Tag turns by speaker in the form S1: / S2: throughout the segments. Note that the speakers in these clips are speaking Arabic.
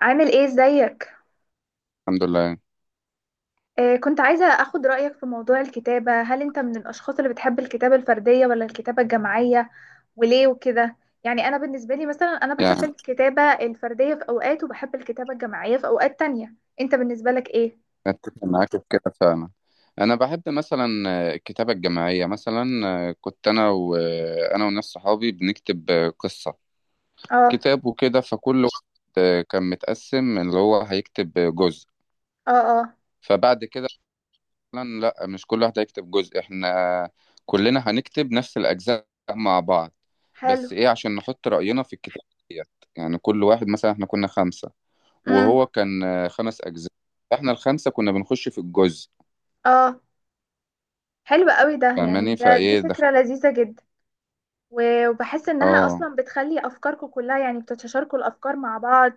S1: عامل ايه؟ ازيك؟
S2: الحمد لله.
S1: كنت عايزة اخد رأيك في موضوع الكتابة. هل انت من الاشخاص اللي بتحب الكتابة الفردية ولا الكتابة الجماعية؟ وليه وكده؟ يعني انا بالنسبة لي مثلا انا بحب
S2: يعني
S1: الكتابة الفردية في اوقات وبحب الكتابة الجماعية في اوقات تانية. انت بالنسبة لك ايه؟
S2: أتفق معاك في كده فعلا. أنا بحب مثلا الكتابة الجماعية مثلا. كنت أنا وناس صحابي بنكتب قصة،
S1: اه،
S2: كتاب وكده. فكل واحد كان متقسم اللي هو هيكتب جزء.
S1: اه، اه،
S2: فبعد كده مثلا لأ، مش كل واحد هيكتب جزء، إحنا كلنا هنكتب نفس الأجزاء مع بعض.
S1: حلو.
S2: بس إيه، عشان نحط رأينا في الكتاب ديت. يعني كل واحد مثلا، إحنا كنا خمسة
S1: امم،
S2: وهو كان خمس أجزاء. إحنا الخمسة كنا بنخش في الجزء.
S1: اه، حلو قوي ده، يعني
S2: فاهماني
S1: دي
S2: فايه دخل.
S1: فكرة لذيذة جدا. وبحس انها
S2: اه.
S1: اصلا بتخلي افكاركم كلها، يعني بتتشاركوا الافكار مع بعض.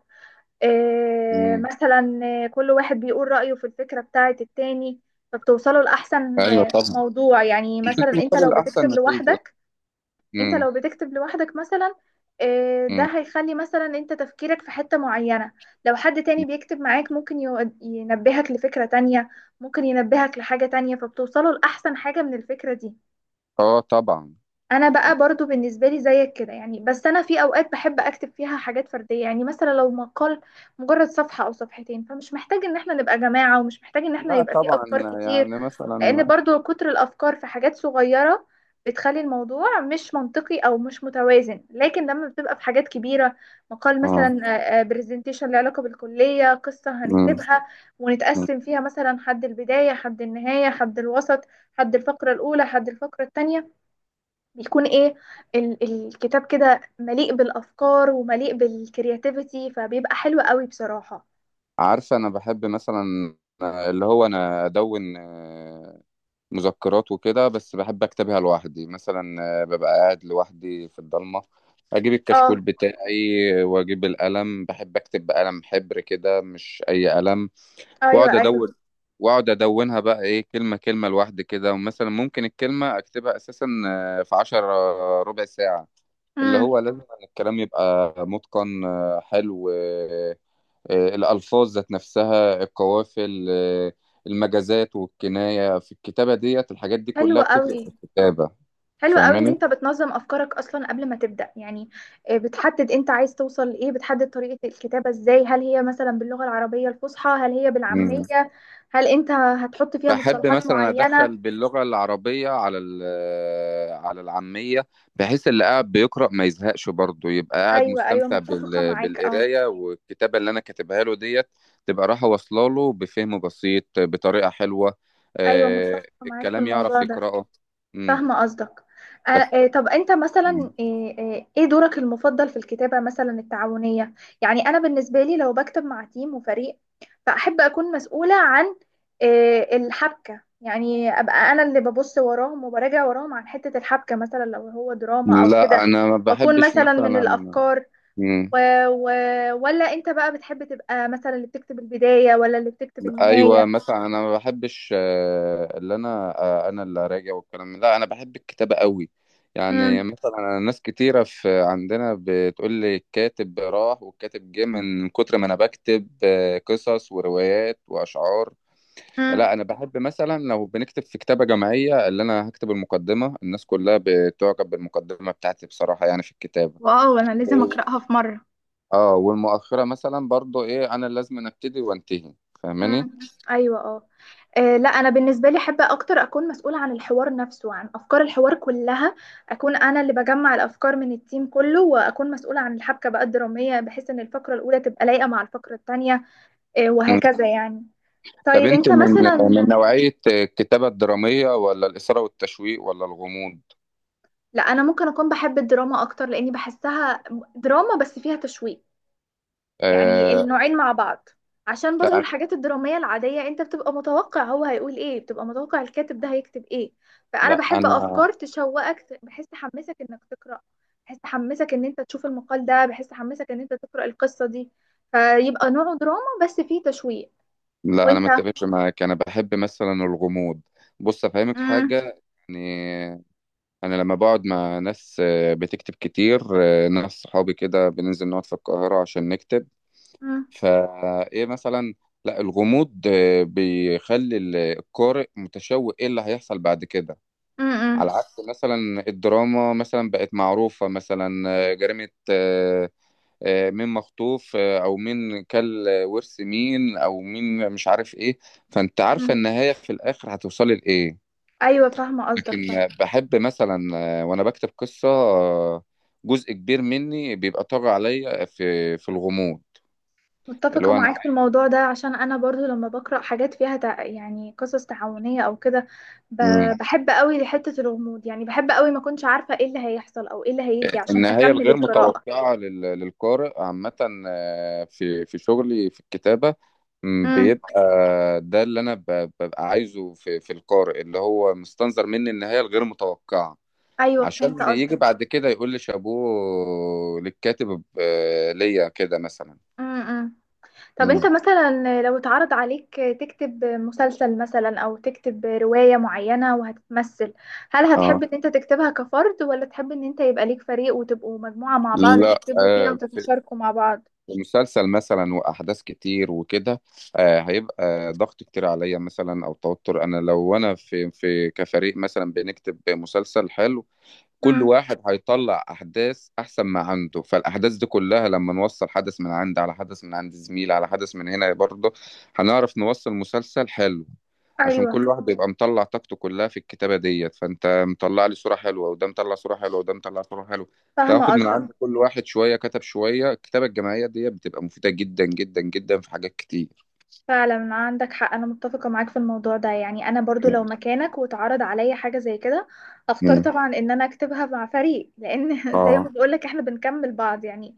S2: امم.
S1: مثلا كل واحد بيقول رأيه في الفكرة بتاعة التاني، فبتوصلوا لأحسن
S2: ايوه طبعا،
S1: موضوع. يعني مثلا انت لو
S2: المقابل احسن
S1: بتكتب
S2: نتيجه.
S1: لوحدك، انت
S2: امم.
S1: لو بتكتب لوحدك مثلا ده
S2: امم.
S1: هيخلي مثلا انت تفكيرك في حتة معينة. لو حد تاني بيكتب معاك ممكن ينبهك لفكرة تانية، ممكن ينبهك لحاجة تانية، فبتوصلوا لأحسن حاجة من الفكرة دي.
S2: اه طبعا.
S1: انا بقى برضو بالنسبه لي زيك كده يعني، بس انا في اوقات بحب اكتب فيها حاجات فرديه، يعني مثلا لو مقال مجرد صفحه او صفحتين، فمش محتاج ان احنا نبقى جماعه، ومش محتاج ان احنا
S2: لا
S1: يبقى فيه
S2: طبعا.
S1: افكار كتير.
S2: يعني
S1: لان
S2: مثلا
S1: برضو كتر الافكار في حاجات صغيره بتخلي الموضوع مش منطقي او مش متوازن. لكن لما بتبقى في حاجات كبيره، مقال
S2: اه.
S1: مثلا، برزنتيشن له علاقه بالكليه، قصه
S2: مم.
S1: هنكتبها
S2: مم.
S1: ونتقسم فيها مثلا، حد البدايه حد النهايه حد الوسط، حد الفقره الاولى حد الفقره الثانيه، بيكون ايه؟ الكتاب كده مليء بالافكار ومليء بالكرياتيفيتي، فبيبقى حلو قوي بصراحه.
S2: عارفه انا بحب مثلا اللي هو انا ادون مذكرات وكده، بس بحب اكتبها لوحدي مثلا. ببقى قاعد لوحدي في الضلمه، اجيب الكشكول
S1: اه،
S2: بتاعي واجيب القلم. بحب اكتب بقلم حبر كده، مش اي قلم.
S1: ايوه،
S2: واقعد
S1: ايوه،
S2: ادون، واقعد ادونها بقى ايه، كلمه كلمه لوحدي كده. ومثلا ممكن الكلمه اكتبها اساسا في عشر ربع ساعه. اللي
S1: امم،
S2: هو لازم إن الكلام يبقى متقن، حلو، الالفاظ ذات نفسها، القوافل، المجازات والكنايه في الكتابه ديت، الحاجات دي
S1: حلو
S2: كلها بتفرق
S1: قوي،
S2: في الكتابه.
S1: حلو قوي ان
S2: فاهماني؟
S1: انت بتنظم افكارك اصلا قبل ما تبدا يعني. بتحدد انت عايز توصل لايه، بتحدد طريقه الكتابه ازاي، هل هي مثلا باللغه العربيه الفصحى، هل هي بالعاميه، هل انت هتحط فيها
S2: بحب
S1: مصطلحات
S2: مثلا
S1: معينه؟
S2: ادخل باللغه العربيه على على العاميه، بحيث اللي قاعد بيقرا ما يزهقش، برضه يبقى قاعد
S1: ايوه، ايوه،
S2: مستمتع
S1: متفقه معاك. اه،
S2: بالقرايه والكتابه اللي انا كاتبها له ديت. تبقى رايحه واصله له بفهم بسيط بطريقه حلوه،
S1: ايوه، متفقه معاك في
S2: الكلام يعرف
S1: الموضوع ده.
S2: يقراه. امم.
S1: فاهمة قصدك. طب انت مثلا، ايه دورك المفضل في الكتابة مثلا التعاونية؟ يعني انا بالنسبة لي لو بكتب مع تيم وفريق، فاحب اكون مسؤولة عن الحبكة، يعني ابقى انا اللي ببص وراهم وبراجع وراهم عن حتة الحبكة، مثلا لو هو دراما او
S2: لا
S1: كده،
S2: انا ما
S1: واكون
S2: بحبش
S1: مثلا من
S2: مثلا.
S1: الافكار
S2: مم.
S1: و... و... ولا انت بقى بتحب تبقى مثلا اللي بتكتب البداية ولا اللي بتكتب النهاية؟
S2: ايوه مثلا انا ما بحبش، آه، اللي انا آه، انا اللي راجع لا انا بحب الكتابه قوي. يعني
S1: امم،
S2: مثلا، أنا ناس كتيره في عندنا بتقول لي الكاتب راح والكاتب جه، من كتر ما انا بكتب قصص وروايات واشعار. لا
S1: امم،
S2: انا بحب مثلا لو بنكتب في كتابه جماعيه، اللي انا هكتب المقدمه. الناس كلها بتعجب بالمقدمه بتاعتي بصراحه يعني في الكتابه.
S1: واو، انا لازم اقراها في مره.
S2: اه، والمؤخره مثلا برضو ايه، انا لازم ابتدي وانتهي. فاهماني؟
S1: امم، ايوه، اه. لا انا بالنسبه لي احب اكتر اكون مسؤوله عن الحوار نفسه، عن افكار الحوار كلها. اكون انا اللي بجمع الافكار من التيم كله، واكون مسؤوله عن الحبكه بقى الدراميه، بحيث ان الفقره الاولى تبقى لايقه مع الفقره الثانيه وهكذا يعني.
S2: طب
S1: طيب
S2: انت
S1: انت
S2: من
S1: مثلا،
S2: نوعية الكتابة الدرامية ولا الإثارة والتشويق ولا الغموض؟
S1: لا انا ممكن اكون بحب الدراما اكتر لاني بحسها دراما بس فيها تشويق، يعني
S2: آه.
S1: النوعين مع بعض. عشان برضو
S2: لا.
S1: الحاجات الدرامية العادية انت بتبقى متوقع هو هيقول ايه، بتبقى متوقع الكاتب ده هيكتب ايه. فانا
S2: لا
S1: بحب
S2: انا
S1: افكار تشوقك، بحيث تحمسك انك تقرأ، بحيث تحمسك ان انت تشوف المقال ده، بحيث تحمسك ان انت تقرأ القصة دي. فيبقى نوعه دراما بس فيه تشويق.
S2: لا، انا
S1: وانت؟
S2: ما اتفقش معاك، انا بحب مثلا الغموض. بص افهمك
S1: مم.
S2: حاجة. يعني انا لما بقعد مع ناس بتكتب كتير، ناس صحابي كده بننزل نقعد في القاهرة عشان نكتب.
S1: مم.
S2: فايه مثلا، لا الغموض بيخلي القارئ متشوق ايه اللي هيحصل بعد كده.
S1: مم.
S2: على عكس مثلا الدراما مثلا بقت معروفة مثلا، جريمة، مين مخطوف، أو مين كل ورث مين، أو مين مش عارف إيه. فأنت عارفة
S1: مم.
S2: النهاية في الآخر هتوصلي لإيه.
S1: ايوه فاهمة قصدك،
S2: لكن
S1: فاهمة.
S2: بحب مثلا، وأنا بكتب قصة، جزء كبير مني بيبقى طاغي عليا في الغموض. اللي
S1: متفقة
S2: هو
S1: معاك في الموضوع ده، عشان أنا برضو لما بقرأ حاجات فيها يعني قصص تعاونية أو كده، ب...
S2: أنا
S1: بحب قوي حتة الغموض، يعني بحب قوي ما كنتش عارفة إيه اللي هيحصل أو إيه اللي هيجي عشان
S2: النهاية
S1: أكمل
S2: الغير
S1: القراءة.
S2: متوقعة للقارئ عامة، في شغلي في الكتابة،
S1: امم،
S2: بيبقى ده اللي أنا ببقى عايزه في القارئ، اللي هو مستنظر مني النهاية الغير متوقعة،
S1: أيوة فهمت
S2: عشان يجي
S1: قصدك.
S2: بعد كده يقول لي شابوه للكاتب ليا كده مثلا.
S1: امم، طب أنت
S2: مم.
S1: مثلا لو اتعرض عليك تكتب مسلسل مثلا، أو تكتب رواية معينة وهتتمثل، هل
S2: اه.
S1: هتحب إن أنت تكتبها كفرد، ولا تحب إن أنت يبقى ليك فريق وتبقوا مجموعة مع بعض
S2: لا،
S1: تكتبوا فيها وتتشاركوا مع بعض؟
S2: مسلسل مثلا واحداث كتير وكده، هيبقى ضغط كتير عليا مثلا او توتر. انا لو انا في كفريق مثلا بنكتب مسلسل حلو، كل
S1: امم،
S2: واحد هيطلع احداث احسن ما عنده. فالاحداث دي كلها لما نوصل حدث من عند، على حدث من عند زميل، على حدث من هنا برضه، هنعرف نوصل مسلسل حلو. عشان
S1: أيوة
S2: كل واحد بيبقى مطلع طاقته كلها في الكتابة ديت. فانت مطلع لي صورة حلوة، وده مطلع صورة حلوة، وده مطلع صورة حلوة.
S1: فاهمة
S2: تاخد من
S1: قصدك.
S2: عند كل واحد شوية كتب شوية. الكتابة الجماعية ديت بتبقى مفيدة جدا جدا جدا في حاجات كتير.
S1: فعلا عندك حق، انا متفقه معاك في الموضوع ده. يعني انا برضو لو
S2: مم.
S1: مكانك واتعرض عليا حاجه زي كده، اختار
S2: مم.
S1: طبعا ان انا اكتبها مع فريق، لان زي ما
S2: اه،
S1: بقولك احنا بنكمل بعض يعني.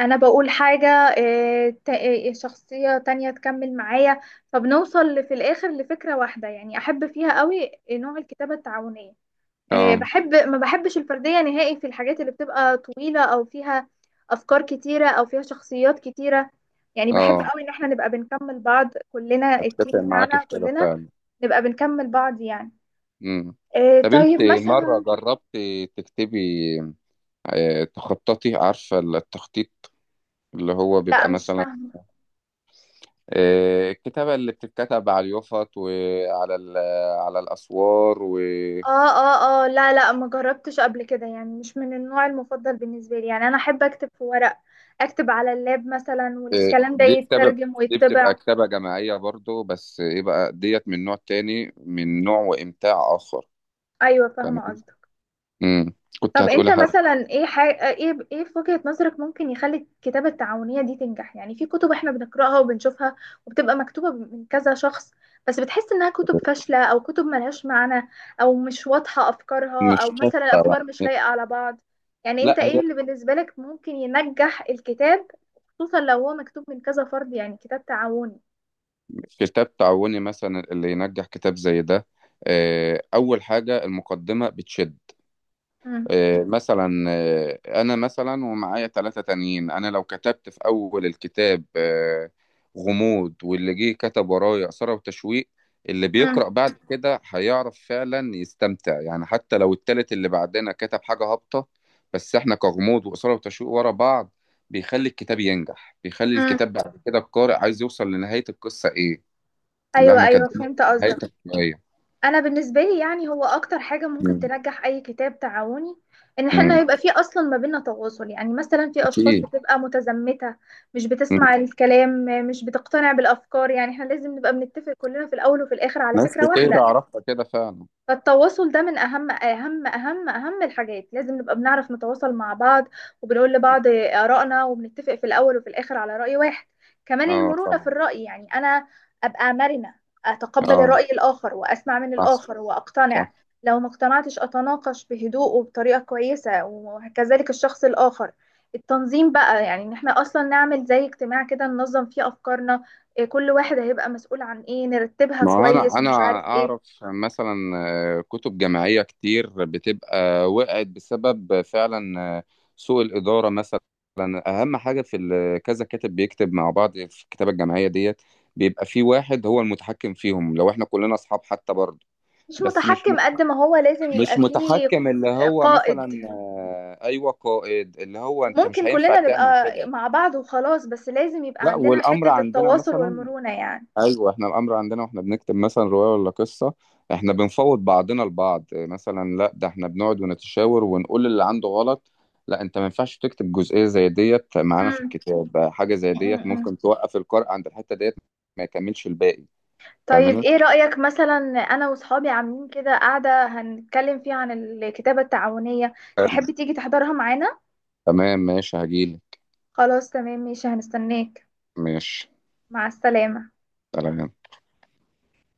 S1: انا بقول حاجه، شخصيه تانية تكمل معايا، فبنوصل في الاخر لفكره واحده. يعني احب فيها قوي نوع الكتابه التعاونيه.
S2: اه،
S1: بحب، ما بحبش الفردية نهائي في الحاجات اللي بتبقى طويلة، أو فيها أفكار كتيرة، أو فيها شخصيات كتيرة. يعني بحب
S2: اه،
S1: قوي إن احنا نبقى بنكمل بعض كلنا، التيم
S2: اتفق معاك
S1: بتاعنا
S2: في كده
S1: كلنا
S2: فعلا.
S1: نبقى بنكمل بعض يعني.
S2: مم. طب انت
S1: طيب
S2: مرة
S1: مثلا،
S2: جربت تكتبي، تخططي؟ عارفة التخطيط؟ اللي هو
S1: لا
S2: بيبقى
S1: مش
S2: مثلا
S1: فاهمة.
S2: الكتابة اللي بتتكتب على اليوفط وعلى على الأسوار و
S1: اه، اه، اه، لا، لا، ما جربتش قبل كده. يعني مش من النوع المفضل بالنسبة لي، يعني أنا أحب أكتب في ورق، أكتب على اللاب مثلا، والكلام ده
S2: دي كتابة.
S1: يترجم
S2: دي بتبقى
S1: ويتبع.
S2: كتابة جماعية برضو، بس ايه بقى ديت، من نوع تاني، من نوع وإمتاع آخر.
S1: أيوة
S2: فاهمة؟
S1: فاهمة قصدك.
S2: مم. كنت
S1: طب انت
S2: هتقولها.
S1: مثلا ايه ايه، ايه في وجهة نظرك ممكن يخلي الكتابة التعاونية دي تنجح؟ يعني في كتب احنا بنقراها وبنشوفها وبتبقى مكتوبة من كذا شخص، بس بتحس انها كتب فاشلة، او كتب ملهاش معنى، او مش واضحة افكارها، او
S2: مش
S1: مثلا الافكار مش لايقة على بعض. يعني انت
S2: لا هي
S1: ايه اللي بالنسبة لك ممكن ينجح الكتاب، خصوصا لو هو مكتوب من كذا فرد، يعني كتاب تعاوني؟
S2: كتاب تعاوني مثلا اللي ينجح، كتاب زي ده. أول حاجة المقدمة بتشد.
S1: امم،
S2: مثلا أنا مثلا ومعايا ثلاثة تانيين، أنا لو كتبت في أول الكتاب غموض، واللي جه كتب ورايا إثارة وتشويق، اللي
S1: امم،
S2: بيقرأ بعد كده هيعرف فعلا يستمتع. يعني حتى لو التالت اللي بعدنا كتب حاجة هابطة، بس احنا كغموض وإثارة وتشويق ورا بعض، بيخلي الكتاب ينجح. بيخلي
S1: امم،
S2: الكتاب بعد كده القارئ عايز يوصل لنهاية القصة إيه اللي
S1: ايوه،
S2: احنا
S1: ايوه
S2: كاتبينها في
S1: فهمت
S2: نهاية
S1: قصدك.
S2: الشوية.
S1: انا بالنسبه لي يعني، هو اكتر حاجه ممكن
S2: مم.
S1: تنجح اي كتاب تعاوني، ان احنا
S2: مم.
S1: يبقى فيه اصلا ما بيننا تواصل. يعني مثلا في اشخاص
S2: أكيد.
S1: بتبقى متزمته، مش
S2: مم.
S1: بتسمع الكلام، مش بتقتنع بالافكار. يعني احنا لازم نبقى بنتفق كلنا في الاول وفي الاخر على
S2: ناس
S1: فكره
S2: كتير
S1: واحده.
S2: أعرفها كده فعلا.
S1: فالتواصل ده من اهم الحاجات، لازم نبقى بنعرف نتواصل مع بعض، وبنقول لبعض آرائنا، وبنتفق في الاول وفي الاخر على رأي واحد. كمان
S2: اه
S1: المرونة في
S2: طبعا.
S1: الرأي، يعني انا ابقى مرنة، اتقبل
S2: اه،
S1: الرأي الاخر، واسمع من
S2: صح.
S1: الاخر
S2: صح.
S1: واقتنع. لو ما اقتنعتش اتناقش بهدوء وبطريقة كويسة، وكذلك الشخص الاخر. التنظيم بقى، يعني ان احنا اصلا نعمل زي اجتماع كده ننظم فيه افكارنا، إيه، كل واحد هيبقى مسؤول عن ايه، نرتبها
S2: ما هو انا
S1: كويس،
S2: انا
S1: ومش عارف
S2: اعرف
S1: ايه.
S2: مثلا كتب جامعيه كتير بتبقى وقعت بسبب فعلا سوء الاداره مثلا. اهم حاجه في كذا كاتب بيكتب مع بعض في الكتابه الجامعيه ديت، بيبقى في واحد هو المتحكم فيهم. لو احنا كلنا اصحاب حتى برضه،
S1: مش
S2: بس مش
S1: متحكم قد ما هو لازم
S2: مش
S1: يبقى فيه
S2: متحكم، اللي هو
S1: قائد.
S2: مثلا ايوه قائد. اللي هو انت مش
S1: وممكن
S2: هينفع
S1: كلنا
S2: تعمل
S1: نبقى
S2: كده.
S1: مع بعض وخلاص، بس لازم يبقى
S2: لا،
S1: عندنا
S2: والامر
S1: حتة
S2: عندنا
S1: التواصل
S2: مثلا،
S1: والمرونة يعني.
S2: ايوه احنا الامر عندنا واحنا بنكتب مثلا روايه ولا قصه، احنا بنفوض بعضنا البعض مثلا. لا، ده احنا بنقعد ونتشاور ونقول اللي عنده غلط. لا انت ما ينفعش تكتب جزئيه زي ديت معانا في
S1: مم.
S2: الكتاب ده، حاجه زي
S1: مم.
S2: ديت
S1: مم.
S2: ممكن توقف القارئ عند الحته ديت، ما يكملش الباقي.
S1: طيب
S2: فاهمني؟
S1: ايه رأيك مثلا؟ انا وصحابي عاملين كده قاعدة هنتكلم فيها عن الكتابة التعاونية،
S2: حلو.
S1: تحب تيجي تحضرها معانا؟
S2: تمام ماشي، هجيلك.
S1: خلاص تمام، ماشي، هنستناك.
S2: ماشي.
S1: مع السلامة.
S2: سلام.